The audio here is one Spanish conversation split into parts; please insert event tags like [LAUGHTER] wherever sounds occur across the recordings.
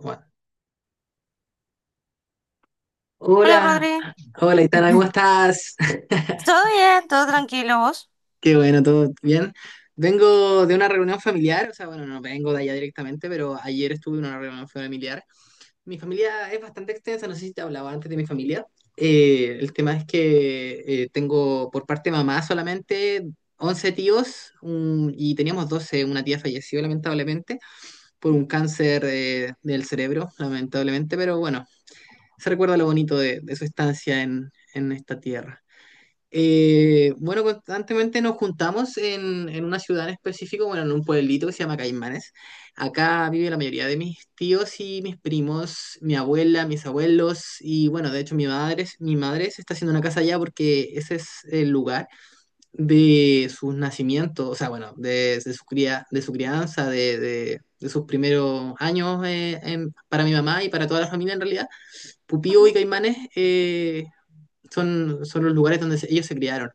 Bueno, Hola hola, Rodri. hola Itana, ¿cómo [LAUGHS] estás? [LAUGHS] Todo bien, todo tranquilo, ¿vos? Qué bueno, todo bien. Vengo de una reunión familiar, o sea, bueno, no vengo de allá directamente, pero ayer estuve en una reunión familiar. Mi familia es bastante extensa, no sé si te hablaba antes de mi familia. El tema es que tengo por parte de mamá solamente 11 tíos y teníamos 12, una tía falleció lamentablemente por un cáncer del cerebro, lamentablemente, pero bueno, se recuerda lo bonito de su estancia en esta tierra. Bueno, constantemente nos juntamos en una ciudad en específico, bueno, en un pueblito que se llama Caimanes. Acá vive la mayoría de mis tíos y mis primos, mi abuela, mis abuelos y bueno, de hecho mi madre, se está haciendo una casa allá porque ese es el lugar de sus nacimientos, o sea, bueno, de su cría, de su crianza, de sus primeros años para mi mamá y para toda la familia en realidad. Pupío y Ujú, Caimanes son los lugares donde ellos se criaron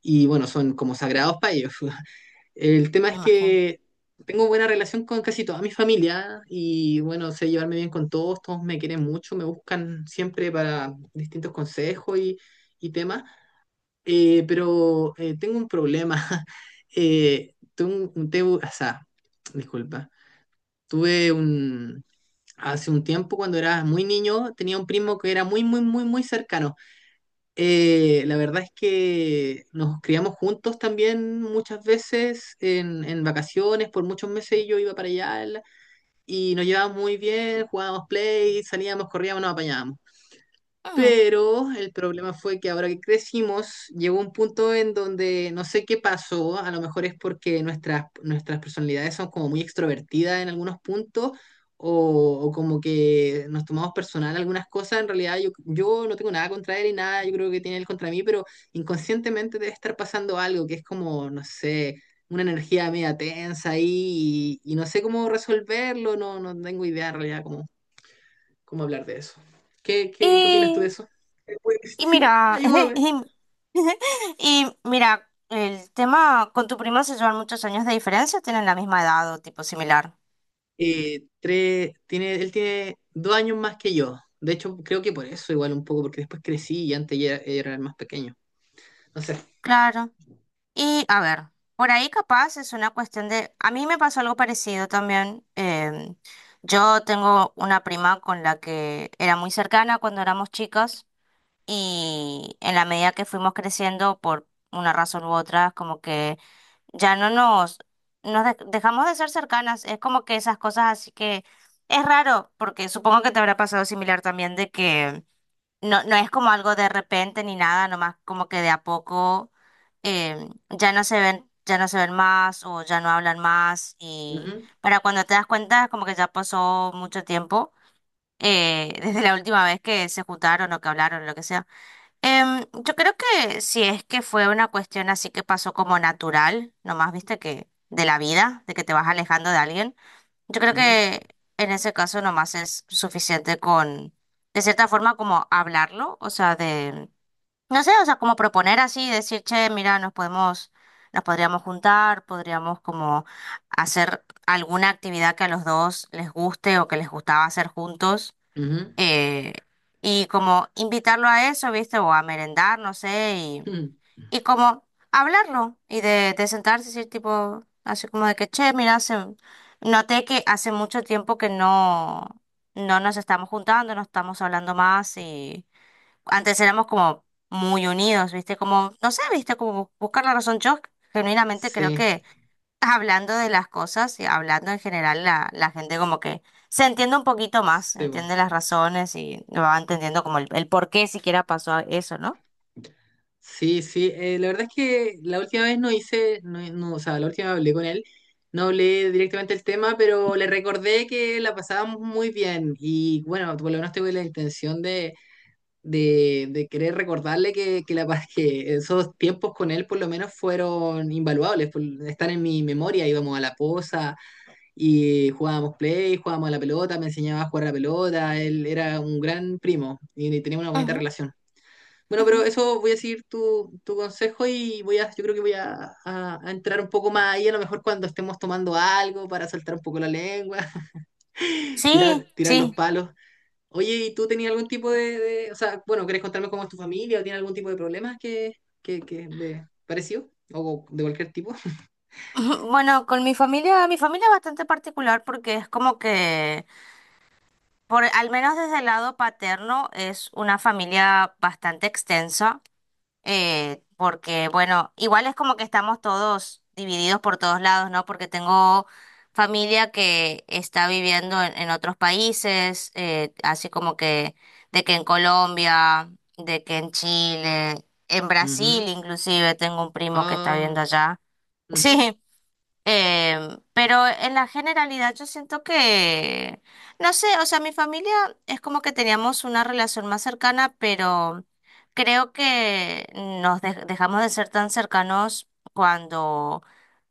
y bueno, son como sagrados para ellos. [LAUGHS] El tema me es imagino. que tengo buena relación con casi toda mi familia y bueno, sé llevarme bien con todos, todos me quieren mucho, me buscan siempre para distintos consejos y temas. Pero tengo un problema. [LAUGHS] O sea, disculpa, tuve un. Hace un tiempo, cuando era muy niño, tenía un primo que era muy, muy, muy, muy cercano. La verdad es que nos criamos juntos también muchas veces en vacaciones, por muchos meses yo iba para allá y nos llevábamos muy bien, jugábamos play, salíamos, corríamos, nos apañábamos. Ujú. Pero el problema fue que ahora que crecimos, llegó un punto en donde no sé qué pasó, a lo mejor es porque nuestras personalidades son como muy extrovertidas en algunos puntos, o como que nos tomamos personal algunas cosas, en realidad yo no tengo nada contra él y nada, yo creo que tiene él contra mí, pero inconscientemente debe estar pasando algo que es como, no sé, una energía media tensa ahí y no sé cómo resolverlo, no, no tengo idea en realidad cómo hablar de eso. ¿Qué opinas tú de Y, eso? Pues, y sí, mira, [LAUGHS] ayúdame. y, [LAUGHS] y mira, el tema con tu prima, ¿se llevan muchos años de diferencia, tienen la misma edad o tipo similar? Él tiene 2 años más que yo. De hecho, creo que por eso igual un poco, porque después crecí y antes ya era el más pequeño. No sé. Claro. Y a ver, por ahí capaz es una cuestión de, a mí me pasó algo parecido también. Yo tengo una prima con la que era muy cercana cuando éramos chicas, y en la medida que fuimos creciendo, por una razón u otra, como que ya no dejamos de ser cercanas. Es como que esas cosas así que es raro, porque supongo que te habrá pasado similar también, de que no es como algo de repente ni nada, nomás como que de a poco ya no se ven, ya no se ven más o ya no hablan más, y Ujú, para cuando te das cuenta, como que ya pasó mucho tiempo. [LAUGHS] Desde la última vez que se juntaron o que hablaron o lo que sea. Yo creo que si es que fue una cuestión así, que pasó como natural, nomás viste, que de la vida, de que te vas alejando de alguien, yo creo ujú, que en ese caso nomás es suficiente con, de cierta forma, como hablarlo, o sea, de, no sé, o sea, como proponer así, decir: che, mira, nos nos podríamos juntar, podríamos como hacer alguna actividad que a los dos les guste o que les gustaba hacer juntos. ujú. Eh, y como invitarlo a eso, ¿viste? O a merendar, no sé. Y Mm, y como hablarlo y de sentarse y decir tipo, así como de que, che, mira, noté que hace mucho tiempo que no nos estamos juntando, no estamos hablando más, y antes éramos como muy unidos, ¿viste? Como, no sé, ¿viste? Como buscar la razón. Yo genuinamente creo sí, que hablando de las cosas y hablando en general, la gente como que se entiende un poquito más, sí, po. entiende las razones y va entendiendo como el por qué siquiera pasó eso, ¿no? Sí, sí, la verdad es que la última vez no hice, no, no, o sea, la última vez hablé con él, no hablé directamente el tema, pero le recordé que la pasábamos muy bien y bueno, por lo menos tuve la intención de querer recordarle [LAUGHS] que esos tiempos con él por lo menos fueron invaluables, por- están en mi memoria, íbamos a la posa y jugábamos play, jugábamos a la pelota, me enseñaba a jugar a la pelota, él era un gran primo y teníamos una bonita Ujú, relación. Bueno, pero ujú. eso voy a seguir tu consejo y yo creo que voy a, a entrar un poco más ahí, a lo mejor cuando estemos tomando algo para soltar un poco la lengua, [LAUGHS] tirar, Sí, tirar los sí. palos. Oye, ¿y tú tenías algún tipo o sea, bueno, ¿querés contarme cómo es tu familia o tiene algún tipo de problemas que de parecido o de cualquier tipo? [LAUGHS] [LAUGHS] Bueno, con mi familia es bastante particular porque es como que, por, al menos desde el lado paterno, es una familia bastante extensa. Porque bueno, igual es como que estamos todos divididos por todos lados, ¿no? Porque tengo familia que está viviendo en otros países. Así como que de que en Colombia, de que en Chile, en Ujú. Brasil, inclusive tengo un primo que está Ah, viviendo allá. [LAUGHS] ujú. Sí. Pero en la generalidad yo siento que, no sé, o sea, mi familia es como que teníamos una relación más cercana, pero creo que nos dejamos de ser tan cercanos cuando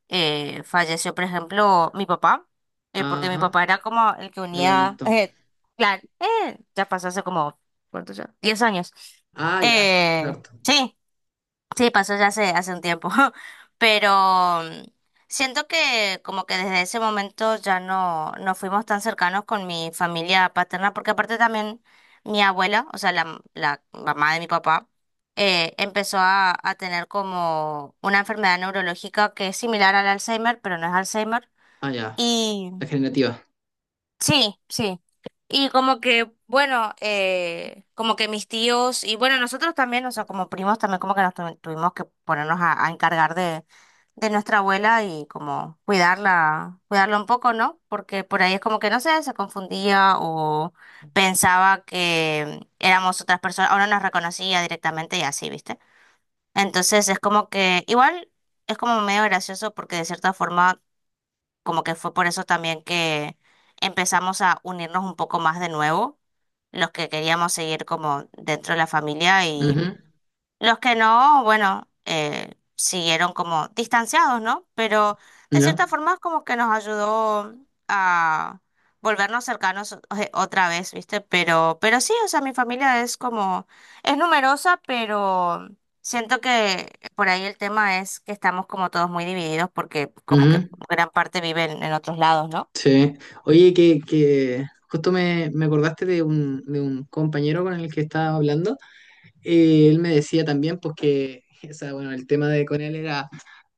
falleció, por ejemplo, mi papá. Porque mi Ajá, papá era como el que lo unía. lamento. Ya pasó hace como, ¿cuánto ya? 10 años. Ah, ya, Eh, cierto. sí. Sí, pasó ya hace, hace un tiempo. [LAUGHS] Pero mm, siento que como que desde ese momento ya no fuimos tan cercanos con mi familia paterna, porque aparte también mi abuela, o sea, la mamá de mi papá, empezó a tener como una enfermedad neurológica que es similar al Alzheimer, pero no es Alzheimer. Ah, ya, la generativa. Sí, sí. Y como que, bueno, como que mis tíos, y bueno, nosotros también, o sea, como primos también, como que nos tuvimos que ponernos a encargar de nuestra abuela y como cuidarla, cuidarla un poco, ¿no? Porque por ahí es como que, no sé, se confundía o pensaba que éramos otras personas, o no nos reconocía directamente y así, ¿viste? Entonces es como que, igual, es como medio gracioso, porque de cierta forma, como que fue por eso también que empezamos a unirnos un poco más de nuevo, los que queríamos seguir como dentro de la familia. Ujú. Los que no, bueno, siguieron como distanciados, ¿no? Pero de Ya. cierta forma es como que nos ayudó a volvernos cercanos otra vez, ¿viste? Pero sí, o sea, mi familia es como, es numerosa, pero siento que por ahí el tema es que estamos como todos muy divididos, porque como que Ujú. gran parte viven en otros lados, ¿no? Sí. Oye, que justo me acordaste de un compañero con el que estaba hablando. Él me decía también, pues que, o sea, bueno, el tema de con él era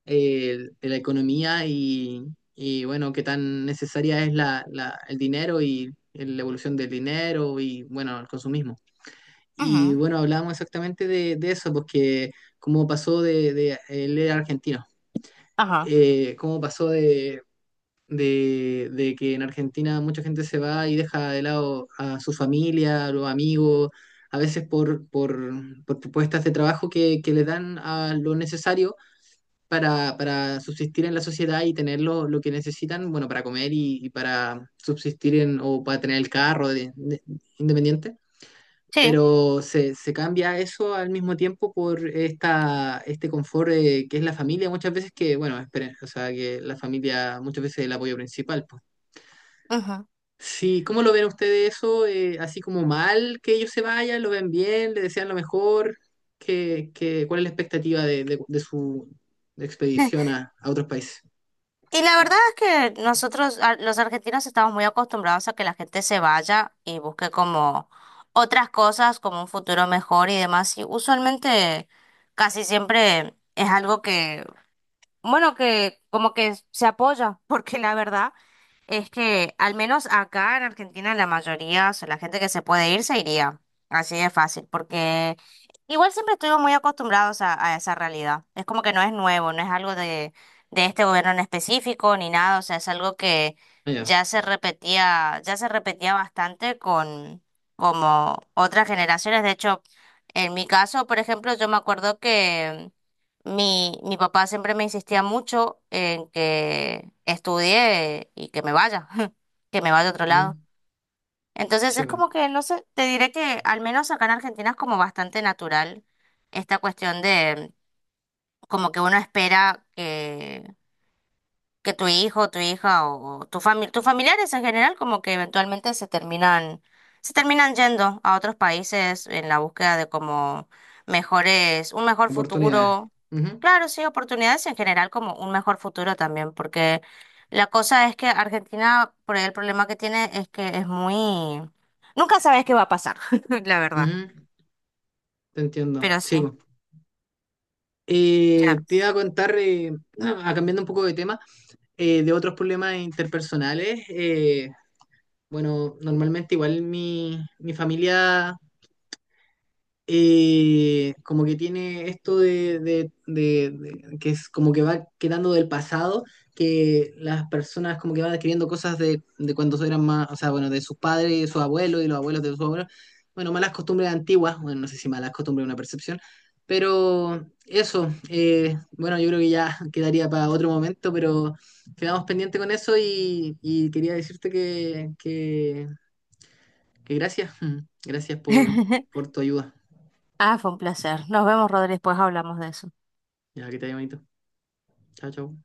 la economía bueno, qué tan necesaria es el dinero y la evolución del dinero y bueno, el consumismo. Y Ujú, bueno, hablábamos exactamente de eso, porque cómo pasó de él era argentino, ajá. Cómo pasó de que en Argentina mucha gente se va y deja de lado a su familia, a los amigos, a veces por propuestas de trabajo que le dan a lo necesario para subsistir en la sociedad y tener lo que necesitan, bueno, para comer y para subsistir en, o para tener el carro independiente. Sí. Pero se cambia eso al mismo tiempo por este confort que es la familia, muchas veces que, bueno, esperen, o sea, que la familia muchas veces es el apoyo principal, pues. Sí, ¿cómo lo ven ustedes eso? Así como mal que ellos se vayan, lo ven bien, le desean lo mejor. Cuál es la expectativa de su expedición a otros países? Y la verdad es que nosotros, los argentinos, estamos muy acostumbrados a que la gente se vaya y busque como otras cosas, como un futuro mejor y demás. Y usualmente casi siempre es algo que, bueno, que como que se apoya, [LAUGHS] porque la verdad es que al menos acá en Argentina, la mayoría, o sea, la gente que se puede ir se iría. Así de fácil, porque igual siempre estuvimos muy acostumbrados a esa realidad. Es como que no es nuevo, no es algo de este gobierno en específico ni nada, o sea, es algo que Ah, ya. Ya se repetía bastante con como otras generaciones. De hecho, en mi caso, por ejemplo, yo me acuerdo que mi papá siempre me insistía mucho en que estudie y que me vaya, [LAUGHS] que me vaya a otro lado. Mm, Entonces sí, es po. como que, no sé, te diré que al menos acá en Argentina es como bastante natural esta cuestión de como que uno espera que tu hijo, tu hija o tu tus familiares en general, como que eventualmente se terminan yendo a otros países en la búsqueda de como mejores, un mejor Oportunidades. futuro. Ujú, Claro, sí, oportunidades en general, como un mejor futuro también, porque la cosa es que Argentina, por ahí el problema que tiene es que es muy... Nunca sabes qué va a pasar, [LAUGHS] la verdad. ujú. Te entiendo. Pero sí, Sí, po. ya. Te iba a contar, [CLEARS THROAT] ah, cambiando un poco de tema, de otros problemas interpersonales. Bueno, normalmente igual mi familia como que tiene esto de que es como que va quedando del pasado, que las personas como que van adquiriendo cosas de cuando eran más, o sea, bueno, de sus padres y de sus abuelos y los abuelos de sus abuelos, bueno, malas costumbres antiguas, bueno, no sé si malas costumbres es una percepción, pero eso, bueno, yo creo que ya [LAUGHS] quedaría para otro momento, pero quedamos pendientes con eso y quería decirte que gracias, [LAUGHS] gracias por, [LAUGHS] por tu ayuda, Ah, fue un placer. Nos vemos, Rodríguez, después hablamos de eso. ya que te haya bonito. Hola, ¿cómo?